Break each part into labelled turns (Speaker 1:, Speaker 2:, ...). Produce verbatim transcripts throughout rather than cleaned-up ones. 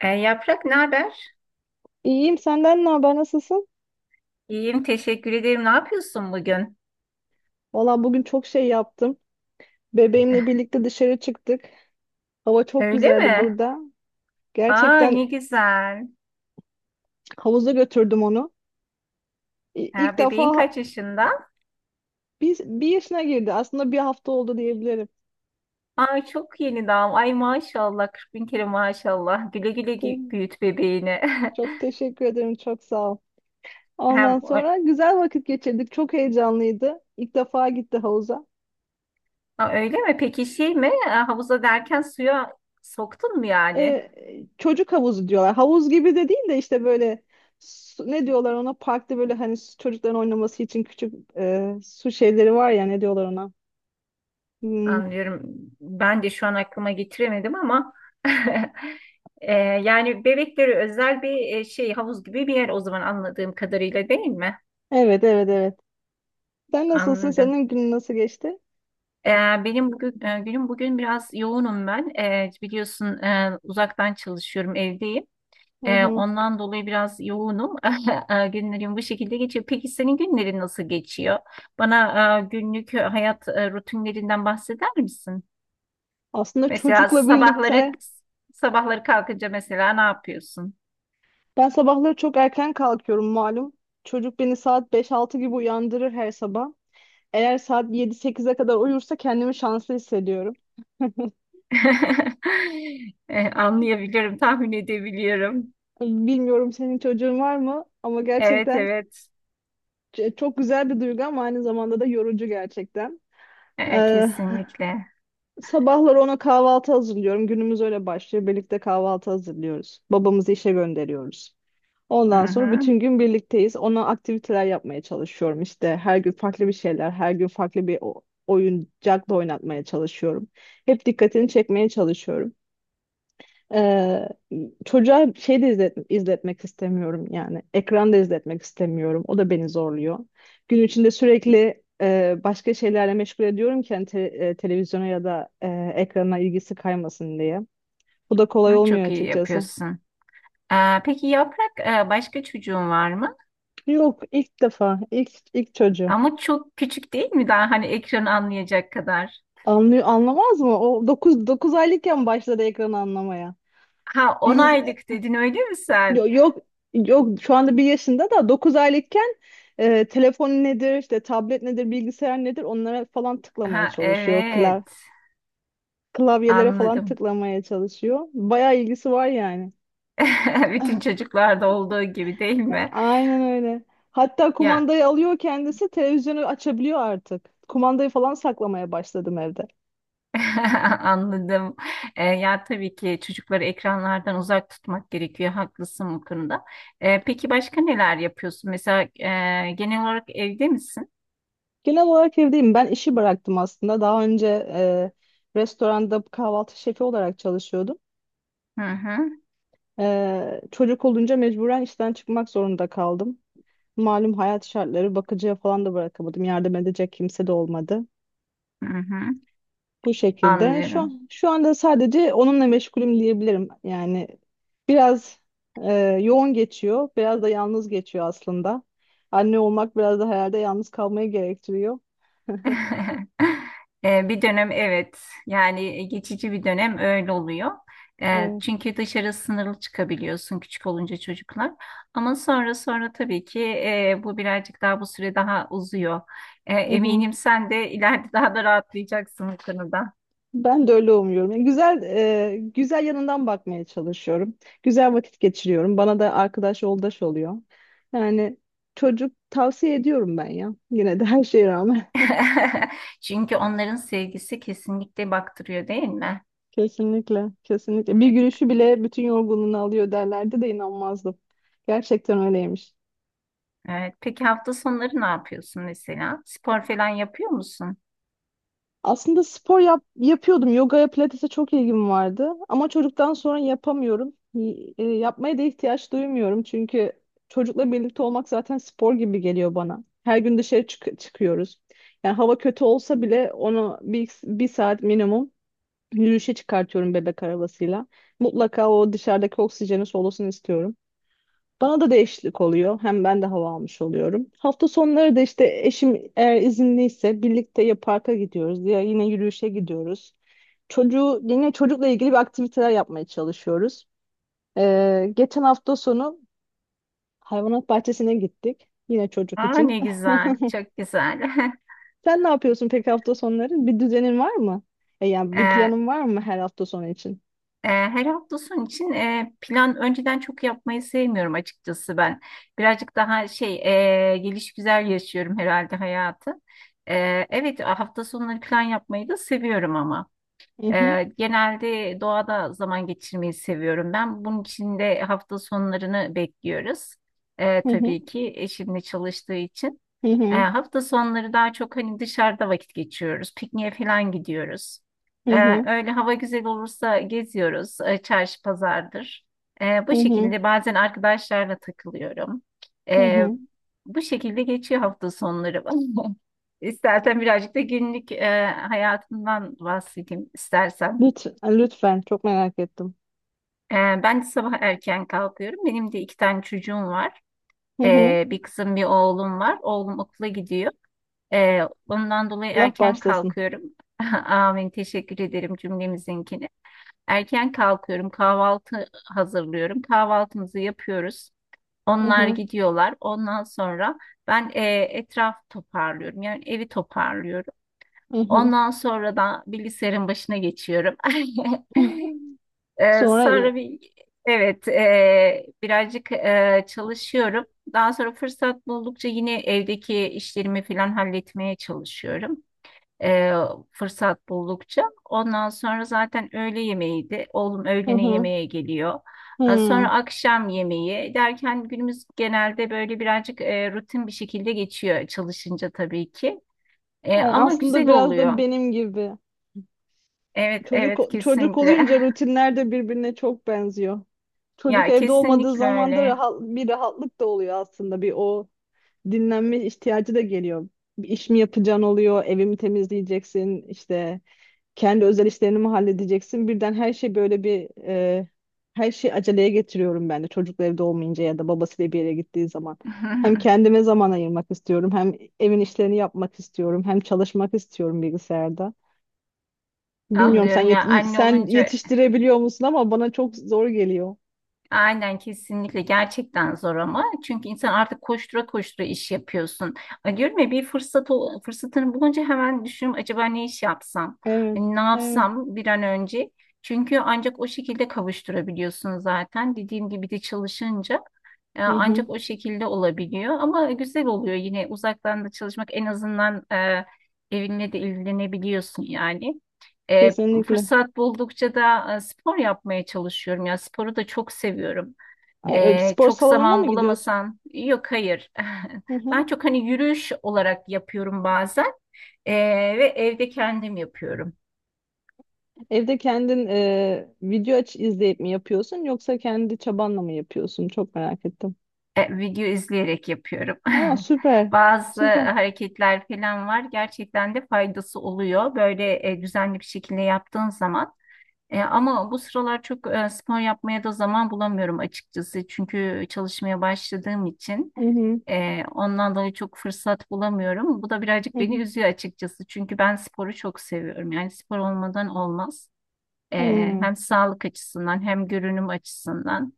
Speaker 1: E, Yaprak ne haber?
Speaker 2: İyiyim, senden ne haber, nasılsın?
Speaker 1: İyiyim, teşekkür ederim. Ne yapıyorsun bugün?
Speaker 2: Valla bugün çok şey yaptım. Bebeğimle birlikte dışarı çıktık. Hava çok
Speaker 1: Öyle
Speaker 2: güzeldi
Speaker 1: mi?
Speaker 2: burada.
Speaker 1: Aa,
Speaker 2: Gerçekten
Speaker 1: ne güzel.
Speaker 2: havuza götürdüm onu. İ- İlk
Speaker 1: Ha, bebeğin
Speaker 2: defa
Speaker 1: kaç yaşında?
Speaker 2: bir, bir yaşına girdi. Aslında bir hafta oldu diyebilirim.
Speaker 1: Aa, çok yeni daha. Ay maşallah, kırk bin kere maşallah. Güle güle, gü-
Speaker 2: Te-
Speaker 1: büyüt bebeğini.
Speaker 2: Çok teşekkür ederim. Çok sağ ol. Ondan
Speaker 1: Hem ö-
Speaker 2: sonra güzel vakit geçirdik. Çok heyecanlıydı. İlk defa gitti havuza.
Speaker 1: Aa, öyle mi? Peki şey mi? Aa, havuza derken suya soktun mu yani?
Speaker 2: e, Çocuk havuzu diyorlar. Havuz gibi de değil de işte böyle su- ne diyorlar ona, parkta böyle hani su- çocukların oynaması için küçük e, su şeyleri var ya, ne diyorlar ona. Hmm,
Speaker 1: Anlıyorum. Ben de şu an aklıma getiremedim ama. E, yani bebekleri özel bir, e, şey, havuz gibi bir yer, o zaman anladığım kadarıyla, değil mi?
Speaker 2: Evet, evet, evet. Sen nasılsın?
Speaker 1: Anladım.
Speaker 2: Senin günün nasıl geçti?
Speaker 1: Ee, benim bugün e, Günüm bugün biraz yoğunum ben. Ee, biliyorsun, e, uzaktan çalışıyorum, evdeyim.
Speaker 2: Hı
Speaker 1: Ee,
Speaker 2: hı.
Speaker 1: ondan dolayı biraz yoğunum. Ee, Günlerim bu şekilde geçiyor. Peki senin günlerin nasıl geçiyor? Bana e, günlük hayat e, rutinlerinden bahseder misin?
Speaker 2: Aslında
Speaker 1: Mesela
Speaker 2: çocukla
Speaker 1: sabahları
Speaker 2: birlikte
Speaker 1: sabahları kalkınca mesela ne yapıyorsun?
Speaker 2: ben sabahları çok erken kalkıyorum malum. Çocuk beni saat beş altı gibi uyandırır her sabah. Eğer saat yedi sekize kadar uyursa kendimi şanslı hissediyorum.
Speaker 1: Ee, anlayabiliyorum, tahmin edebiliyorum.
Speaker 2: Bilmiyorum senin çocuğun var mı, ama
Speaker 1: Evet,
Speaker 2: gerçekten
Speaker 1: evet.
Speaker 2: Ç- çok güzel bir duygu ama aynı zamanda da yorucu gerçekten.
Speaker 1: Ee,
Speaker 2: Ee,
Speaker 1: kesinlikle.
Speaker 2: Sabahları ona kahvaltı hazırlıyorum. Günümüz öyle başlıyor. Birlikte kahvaltı hazırlıyoruz. Babamızı işe gönderiyoruz.
Speaker 1: Hı
Speaker 2: Ondan sonra
Speaker 1: hı.
Speaker 2: bütün gün birlikteyiz. Ona aktiviteler yapmaya çalışıyorum. İşte her gün farklı bir şeyler, her gün farklı bir o- oyuncakla oynatmaya çalışıyorum. Hep dikkatini çekmeye çalışıyorum. Ee, Çocuğa şey de izlet- izletmek istemiyorum yani. Ekran izletmek istemiyorum. O da beni zorluyor. Gün içinde sürekli e, başka şeylerle meşgul ediyorum ki hani te- e, televizyona ya da e, ekrana ilgisi kaymasın diye. Bu da kolay
Speaker 1: Hı,
Speaker 2: olmuyor
Speaker 1: çok iyi
Speaker 2: açıkçası.
Speaker 1: yapıyorsun. Ee, peki Yaprak, e, başka çocuğun var mı?
Speaker 2: Yok, ilk defa, ilk ilk çocuğu.
Speaker 1: Ama çok küçük değil mi daha, hani ekranı anlayacak kadar?
Speaker 2: Anlıyor, anlamaz mı? O dokuz 9 aylıkken başladı ekranı anlamaya.
Speaker 1: Ha, 10 aylık dedin öyle mi
Speaker 2: Yo-
Speaker 1: sen?
Speaker 2: Yok, yok, şu anda bir yaşında da dokuz aylıkken e, telefon nedir, işte tablet nedir, bilgisayar nedir, onlara falan tıklamaya
Speaker 1: Ha,
Speaker 2: çalışıyor, klav
Speaker 1: evet,
Speaker 2: klavyelere falan
Speaker 1: anladım.
Speaker 2: tıklamaya çalışıyor. Bayağı ilgisi var yani.
Speaker 1: Bütün çocuklarda olduğu gibi değil
Speaker 2: E,
Speaker 1: mi?
Speaker 2: Aynen öyle. Hatta
Speaker 1: Ya,
Speaker 2: kumandayı alıyor, kendisi televizyonu açabiliyor artık. Kumandayı falan saklamaya başladım evde.
Speaker 1: anladım. Ee, ya, tabii ki çocukları ekranlardan uzak tutmak gerekiyor. Haklısın bu konuda. Ee, peki başka neler yapıyorsun? Mesela, e, genel olarak evde misin?
Speaker 2: Genel olarak evdeyim. Ben işi bıraktım aslında. Daha önce e, restoranda kahvaltı şefi olarak çalışıyordum.
Speaker 1: Hı hı,
Speaker 2: Ee, çocuk olunca mecburen işten çıkmak zorunda kaldım. Malum hayat şartları, bakıcıya falan da bırakamadım. Yardım edecek kimse de olmadı.
Speaker 1: hı hı.
Speaker 2: Bu şekilde şu
Speaker 1: Anlıyorum.
Speaker 2: an şu anda sadece onunla meşgulüm diyebilirim. Yani biraz e, yoğun geçiyor, biraz da yalnız geçiyor aslında. Anne olmak biraz da herhalde yalnız kalmayı gerektiriyor.
Speaker 1: E, Bir dönem, evet, yani, e, geçici bir dönem öyle oluyor. E,
Speaker 2: Evet.
Speaker 1: Çünkü dışarı sınırlı çıkabiliyorsun küçük olunca çocuklar. Ama sonra sonra tabii ki, e, bu birazcık daha bu süre daha uzuyor. E,
Speaker 2: Hı hı.
Speaker 1: Eminim sen de ileride daha da rahatlayacaksın bu konuda.
Speaker 2: Ben de öyle umuyorum. Yani güzel e, güzel yanından bakmaya çalışıyorum. Güzel vakit geçiriyorum. Bana da arkadaş yoldaş oluyor. Yani çocuk tavsiye ediyorum ben ya. Yine de her şeye rağmen.
Speaker 1: Çünkü onların sevgisi kesinlikle baktırıyor, değil mi?
Speaker 2: Kesinlikle, kesinlikle. Bir gülüşü bile bütün yorgunluğunu alıyor derlerdi de inanmazdım. Gerçekten öyleymiş.
Speaker 1: Evet. Peki hafta sonları ne yapıyorsun mesela? Spor falan yapıyor musun?
Speaker 2: Aslında spor yap yapıyordum. Yogaya, pilatese çok ilgim vardı. Ama çocuktan sonra yapamıyorum. Y- e, yapmaya da ihtiyaç duymuyorum. Çünkü çocukla birlikte olmak zaten spor gibi geliyor bana. Her gün dışarı çık- çıkıyoruz. Yani hava kötü olsa bile onu bir, bir saat minimum yürüyüşe çıkartıyorum bebek arabasıyla. Mutlaka o dışarıdaki oksijeni solusun istiyorum. Bana da değişiklik oluyor. Hem ben de hava almış oluyorum. Hafta sonları da işte eşim eğer izinliyse birlikte ya parka gidiyoruz ya yine yürüyüşe gidiyoruz. Çocuğu yine çocukla ilgili bir aktiviteler yapmaya çalışıyoruz. Ee, geçen hafta sonu hayvanat bahçesine gittik. Yine çocuk
Speaker 1: Aa,
Speaker 2: için.
Speaker 1: ne güzel, çok güzel.
Speaker 2: Sen ne yapıyorsun peki hafta sonları? Bir düzenin var mı? E, yani bir
Speaker 1: Ee,
Speaker 2: planın var mı her hafta sonu için?
Speaker 1: e, Her hafta sonu için e, plan önceden çok yapmayı sevmiyorum, açıkçası ben. Birazcık daha şey, e, geliş güzel yaşıyorum herhalde hayatı. Ee, evet, hafta sonları plan yapmayı da seviyorum ama.
Speaker 2: Hı hı,
Speaker 1: Ee, genelde doğada zaman geçirmeyi seviyorum ben. Bunun için de hafta sonlarını bekliyoruz. Ee,
Speaker 2: hı
Speaker 1: tabii
Speaker 2: hı,
Speaker 1: ki, eşimle çalıştığı için.
Speaker 2: hı
Speaker 1: Ee,
Speaker 2: hı,
Speaker 1: hafta sonları daha çok hani dışarıda vakit geçiriyoruz. Pikniğe falan gidiyoruz.
Speaker 2: hı hı,
Speaker 1: Ee, öyle, hava güzel olursa geziyoruz. Ee, çarşı pazardır. Ee,
Speaker 2: hı
Speaker 1: bu
Speaker 2: hı.
Speaker 1: şekilde bazen arkadaşlarla takılıyorum.
Speaker 2: Hı
Speaker 1: Ee,
Speaker 2: hı.
Speaker 1: Bu şekilde geçiyor hafta sonları. İstersen birazcık da günlük e, hayatımdan bahsedeyim istersen.
Speaker 2: Lütfen, lütfen, çok merak ettim.
Speaker 1: Ee, Ben de sabah erken kalkıyorum. Benim de iki tane çocuğum var. Ee, bir kızım, bir oğlum var. Oğlum okula gidiyor. Ee, Ondan dolayı
Speaker 2: Allah
Speaker 1: erken
Speaker 2: başlasın.
Speaker 1: kalkıyorum. Amin, teşekkür ederim cümlemizinkini. Erken kalkıyorum, kahvaltı hazırlıyorum. Kahvaltımızı yapıyoruz.
Speaker 2: Hı
Speaker 1: Onlar
Speaker 2: hı,
Speaker 1: gidiyorlar. Ondan sonra ben e, etraf toparlıyorum. Yani evi toparlıyorum.
Speaker 2: hı hı.
Speaker 1: Ondan sonra da bilgisayarın başına geçiyorum. Ee,
Speaker 2: Sonra,
Speaker 1: sonra
Speaker 2: e,
Speaker 1: bir, evet, e, birazcık e, çalışıyorum. Daha sonra fırsat buldukça yine evdeki işlerimi falan halletmeye çalışıyorum. Ee, Fırsat buldukça. Ondan sonra zaten öğle yemeğiydi. Oğlum
Speaker 2: hı
Speaker 1: öğlene
Speaker 2: hı,
Speaker 1: yemeğe geliyor. Ee, Sonra
Speaker 2: hı.
Speaker 1: akşam yemeği derken günümüz genelde böyle birazcık e, rutin bir şekilde geçiyor çalışınca tabii ki. E,
Speaker 2: Ay,
Speaker 1: ama
Speaker 2: aslında
Speaker 1: güzel
Speaker 2: biraz da
Speaker 1: oluyor.
Speaker 2: benim gibi.
Speaker 1: Evet,
Speaker 2: Çocuk
Speaker 1: evet,
Speaker 2: çocuk
Speaker 1: kesinlikle.
Speaker 2: olunca rutinler de birbirine çok benziyor. Çocuk
Speaker 1: Ya,
Speaker 2: evde olmadığı
Speaker 1: kesinlikle
Speaker 2: zaman da
Speaker 1: öyle.
Speaker 2: rahat, bir rahatlık da oluyor aslında. Bir o dinlenme ihtiyacı da geliyor. Bir iş mi yapacaksın oluyor, evimi temizleyeceksin, işte kendi özel işlerini mi halledeceksin? Birden her şey böyle bir e, her şey aceleye getiriyorum ben de çocukla evde olmayınca ya da babasıyla bir yere gittiği zaman. Hem kendime zaman ayırmak istiyorum, hem evin işlerini yapmak istiyorum, hem çalışmak istiyorum bilgisayarda. Bilmiyorum sen
Speaker 1: Anlıyorum,
Speaker 2: yet-
Speaker 1: ya
Speaker 2: y-
Speaker 1: anne
Speaker 2: sen
Speaker 1: olunca
Speaker 2: yetiştirebiliyor musun, ama bana çok zor geliyor.
Speaker 1: aynen kesinlikle gerçekten zor, ama çünkü insan artık koştura koştura iş yapıyorsun. Ay, diyorum ya, bir fırsat ol- fırsatını bulunca hemen düşünüyorum, acaba ne iş yapsam?
Speaker 2: Evet,
Speaker 1: Hani ne
Speaker 2: evet.
Speaker 1: yapsam bir an önce? Çünkü ancak o şekilde kavuşturabiliyorsun zaten. Dediğim gibi de çalışınca e,
Speaker 2: Hı hı.
Speaker 1: ancak o şekilde olabiliyor, ama güzel oluyor yine uzaktan da çalışmak, en azından e, evinle de ilgilenebiliyorsun yani. E,
Speaker 2: Kesinlikle.
Speaker 1: Fırsat buldukça da e, spor yapmaya çalışıyorum. Ya sporu da çok seviyorum.
Speaker 2: A- e,
Speaker 1: E,
Speaker 2: Spor
Speaker 1: çok
Speaker 2: salonuna
Speaker 1: zaman
Speaker 2: mı gidiyorsun?
Speaker 1: bulamasan, yok, hayır.
Speaker 2: Hı
Speaker 1: Ben
Speaker 2: hı.
Speaker 1: çok hani yürüyüş olarak yapıyorum bazen, E, ve evde kendim yapıyorum.
Speaker 2: Evde kendin e, video aç izleyip mi yapıyorsun yoksa kendi çabanla mı yapıyorsun? Çok merak ettim.
Speaker 1: E, video izleyerek yapıyorum.
Speaker 2: Aa, süper.
Speaker 1: Bazı
Speaker 2: Süper.
Speaker 1: hareketler falan var. Gerçekten de faydası oluyor, böyle e, düzenli bir şekilde yaptığın zaman. E, ama bu sıralar çok e, spor yapmaya da zaman bulamıyorum, açıkçası. Çünkü çalışmaya başladığım için.
Speaker 2: Hı hı,
Speaker 1: Ee, ondan dolayı çok fırsat bulamıyorum. Bu da birazcık
Speaker 2: hı
Speaker 1: beni
Speaker 2: hı,
Speaker 1: üzüyor, açıkçası. Çünkü ben sporu çok seviyorum. Yani spor olmadan olmaz. Ee,
Speaker 2: hı.
Speaker 1: Hem sağlık açısından, hem görünüm açısından.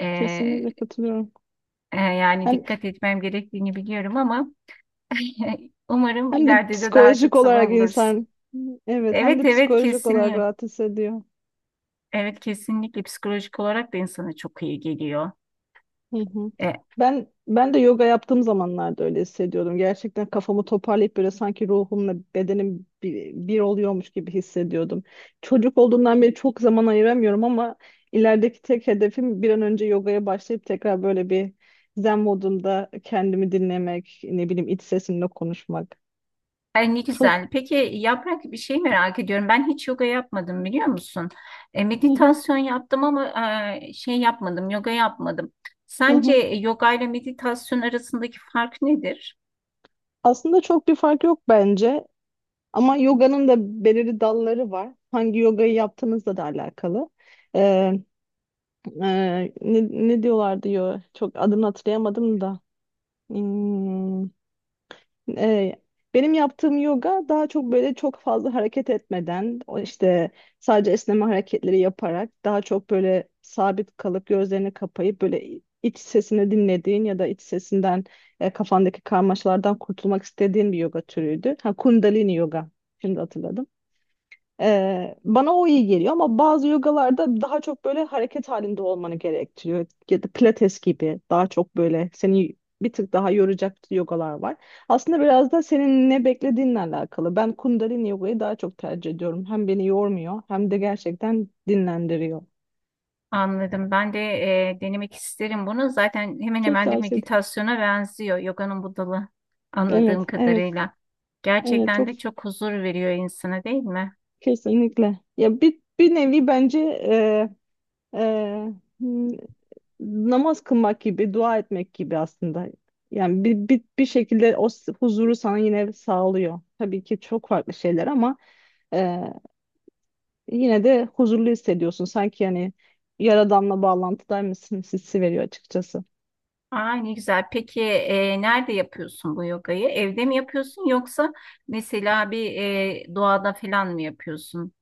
Speaker 1: Ee,
Speaker 2: Kesinlikle katılıyorum.
Speaker 1: e, Yani
Speaker 2: Hem
Speaker 1: dikkat etmem gerektiğini biliyorum ama, umarım
Speaker 2: hem de
Speaker 1: ileride de daha
Speaker 2: psikolojik
Speaker 1: çok zaman
Speaker 2: olarak
Speaker 1: buluruz.
Speaker 2: insan, evet, hem de
Speaker 1: Evet, evet,
Speaker 2: psikolojik olarak
Speaker 1: kesinlikle.
Speaker 2: rahat hissediyor.
Speaker 1: Evet, kesinlikle psikolojik olarak da insana çok iyi geliyor.
Speaker 2: Hı hı. Ben ben de yoga yaptığım zamanlarda öyle hissediyordum. Gerçekten kafamı toparlayıp böyle sanki ruhumla bedenim bir, bir oluyormuş gibi hissediyordum. Çocuk olduğumdan beri çok zaman ayıramıyorum, ama ilerideki tek hedefim bir an önce yogaya başlayıp tekrar böyle bir zen modunda kendimi dinlemek, ne bileyim iç sesimle konuşmak.
Speaker 1: Ay, ne
Speaker 2: Çok
Speaker 1: güzel. Peki Yaprak, bir şey merak ediyorum. Ben hiç yoga yapmadım, biliyor musun? E,
Speaker 2: Hı hı,
Speaker 1: meditasyon yaptım, ama e, şey yapmadım, yoga yapmadım.
Speaker 2: hı
Speaker 1: Sence
Speaker 2: hı.
Speaker 1: yoga ile meditasyon arasındaki fark nedir?
Speaker 2: Aslında çok bir fark yok bence, ama yoganın da belirli dalları var. Hangi yogayı yaptığınızla da alakalı. Ee, ne, ne diyorlar diyor. Çok adını hatırlayamadım da. Hmm, e, Benim yaptığım yoga daha çok böyle çok fazla hareket etmeden, o işte sadece esneme hareketleri yaparak daha çok böyle sabit kalıp gözlerini kapayıp böyle iç sesini dinlediğin ya da iç sesinden e, kafandaki karmaşalardan kurtulmak istediğin bir yoga türüydü. Ha, Kundalini yoga. Şimdi hatırladım. Ee, bana o iyi geliyor ama bazı yogalarda daha çok böyle hareket halinde olmanı gerektiriyor. Ya da pilates gibi daha çok böyle seni bir tık daha yoracak yogalar var. Aslında biraz da senin ne beklediğinle alakalı. Ben Kundalini yogayı daha çok tercih ediyorum. Hem beni yormuyor hem de gerçekten dinlendiriyor.
Speaker 1: Anladım. Ben de e, denemek isterim bunu. Zaten hemen
Speaker 2: Çok
Speaker 1: hemen de
Speaker 2: tavsiye ederim.
Speaker 1: meditasyona benziyor yoganın bu dalı,
Speaker 2: Evet,
Speaker 1: anladığım
Speaker 2: evet,
Speaker 1: kadarıyla.
Speaker 2: evet,
Speaker 1: Gerçekten
Speaker 2: çok
Speaker 1: de çok huzur veriyor insana, değil mi?
Speaker 2: kesinlikle. Ya bir, bir nevi bence e, e, namaz kılmak gibi, dua etmek gibi aslında. Yani bir, bir, bir şekilde o s- huzuru sana yine sağlıyor. Tabii ki çok farklı şeyler ama e, yine de huzurlu hissediyorsun. Sanki yani Yaradan'la bağlantıdaymışsın hissi veriyor açıkçası.
Speaker 1: Aa, ne güzel. Peki, e, nerede yapıyorsun bu yogayı? Evde mi yapıyorsun, yoksa mesela bir, e, doğada falan mı yapıyorsun?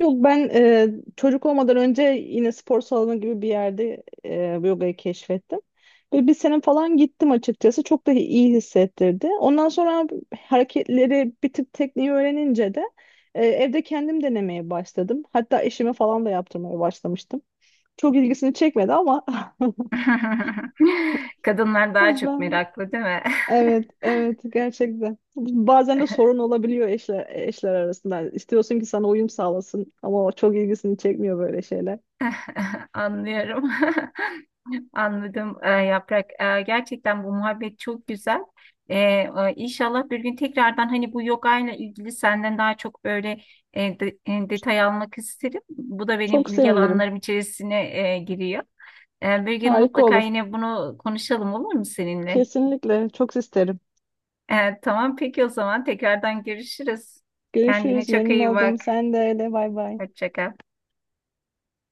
Speaker 2: Yok, ben e, çocuk olmadan önce yine spor salonu gibi bir yerde e, yogayı keşfettim. Ve bir sene falan gittim açıkçası. Çok da iyi hissettirdi. Ondan sonra hareketleri bir tık tekniği öğrenince de e, evde kendim denemeye başladım. Hatta eşime falan da yaptırmaya başlamıştım. Çok ilgisini çekmedi ama.
Speaker 1: Kadınlar daha çok
Speaker 2: ben
Speaker 1: meraklı, değil mi?
Speaker 2: evet, evet, gerçekten. Bazen de sorun olabiliyor eşler eşler arasında. İstiyorsun ki sana uyum sağlasın ama o çok ilgisini çekmiyor böyle şeyler.
Speaker 1: Anlıyorum. Anladım, e, Yaprak. E, gerçekten bu muhabbet çok güzel. E, e, İnşallah bir gün tekrardan hani bu yoga ile ilgili senden daha çok böyle e, de- e, detay almak isterim. Bu da benim
Speaker 2: Çok
Speaker 1: ilgi
Speaker 2: sevinirim.
Speaker 1: alanlarım içerisine e, giriyor. Ee, bir gün
Speaker 2: Harika
Speaker 1: mutlaka
Speaker 2: olur.
Speaker 1: yine bunu konuşalım, olur mu seninle?
Speaker 2: Kesinlikle. Çok isterim.
Speaker 1: Ee, tamam, peki, o zaman tekrardan görüşürüz. Kendine
Speaker 2: Görüşürüz.
Speaker 1: çok
Speaker 2: Memnun
Speaker 1: iyi
Speaker 2: oldum.
Speaker 1: bak.
Speaker 2: Sen de öyle. Bay bay.
Speaker 1: Hoşça kal.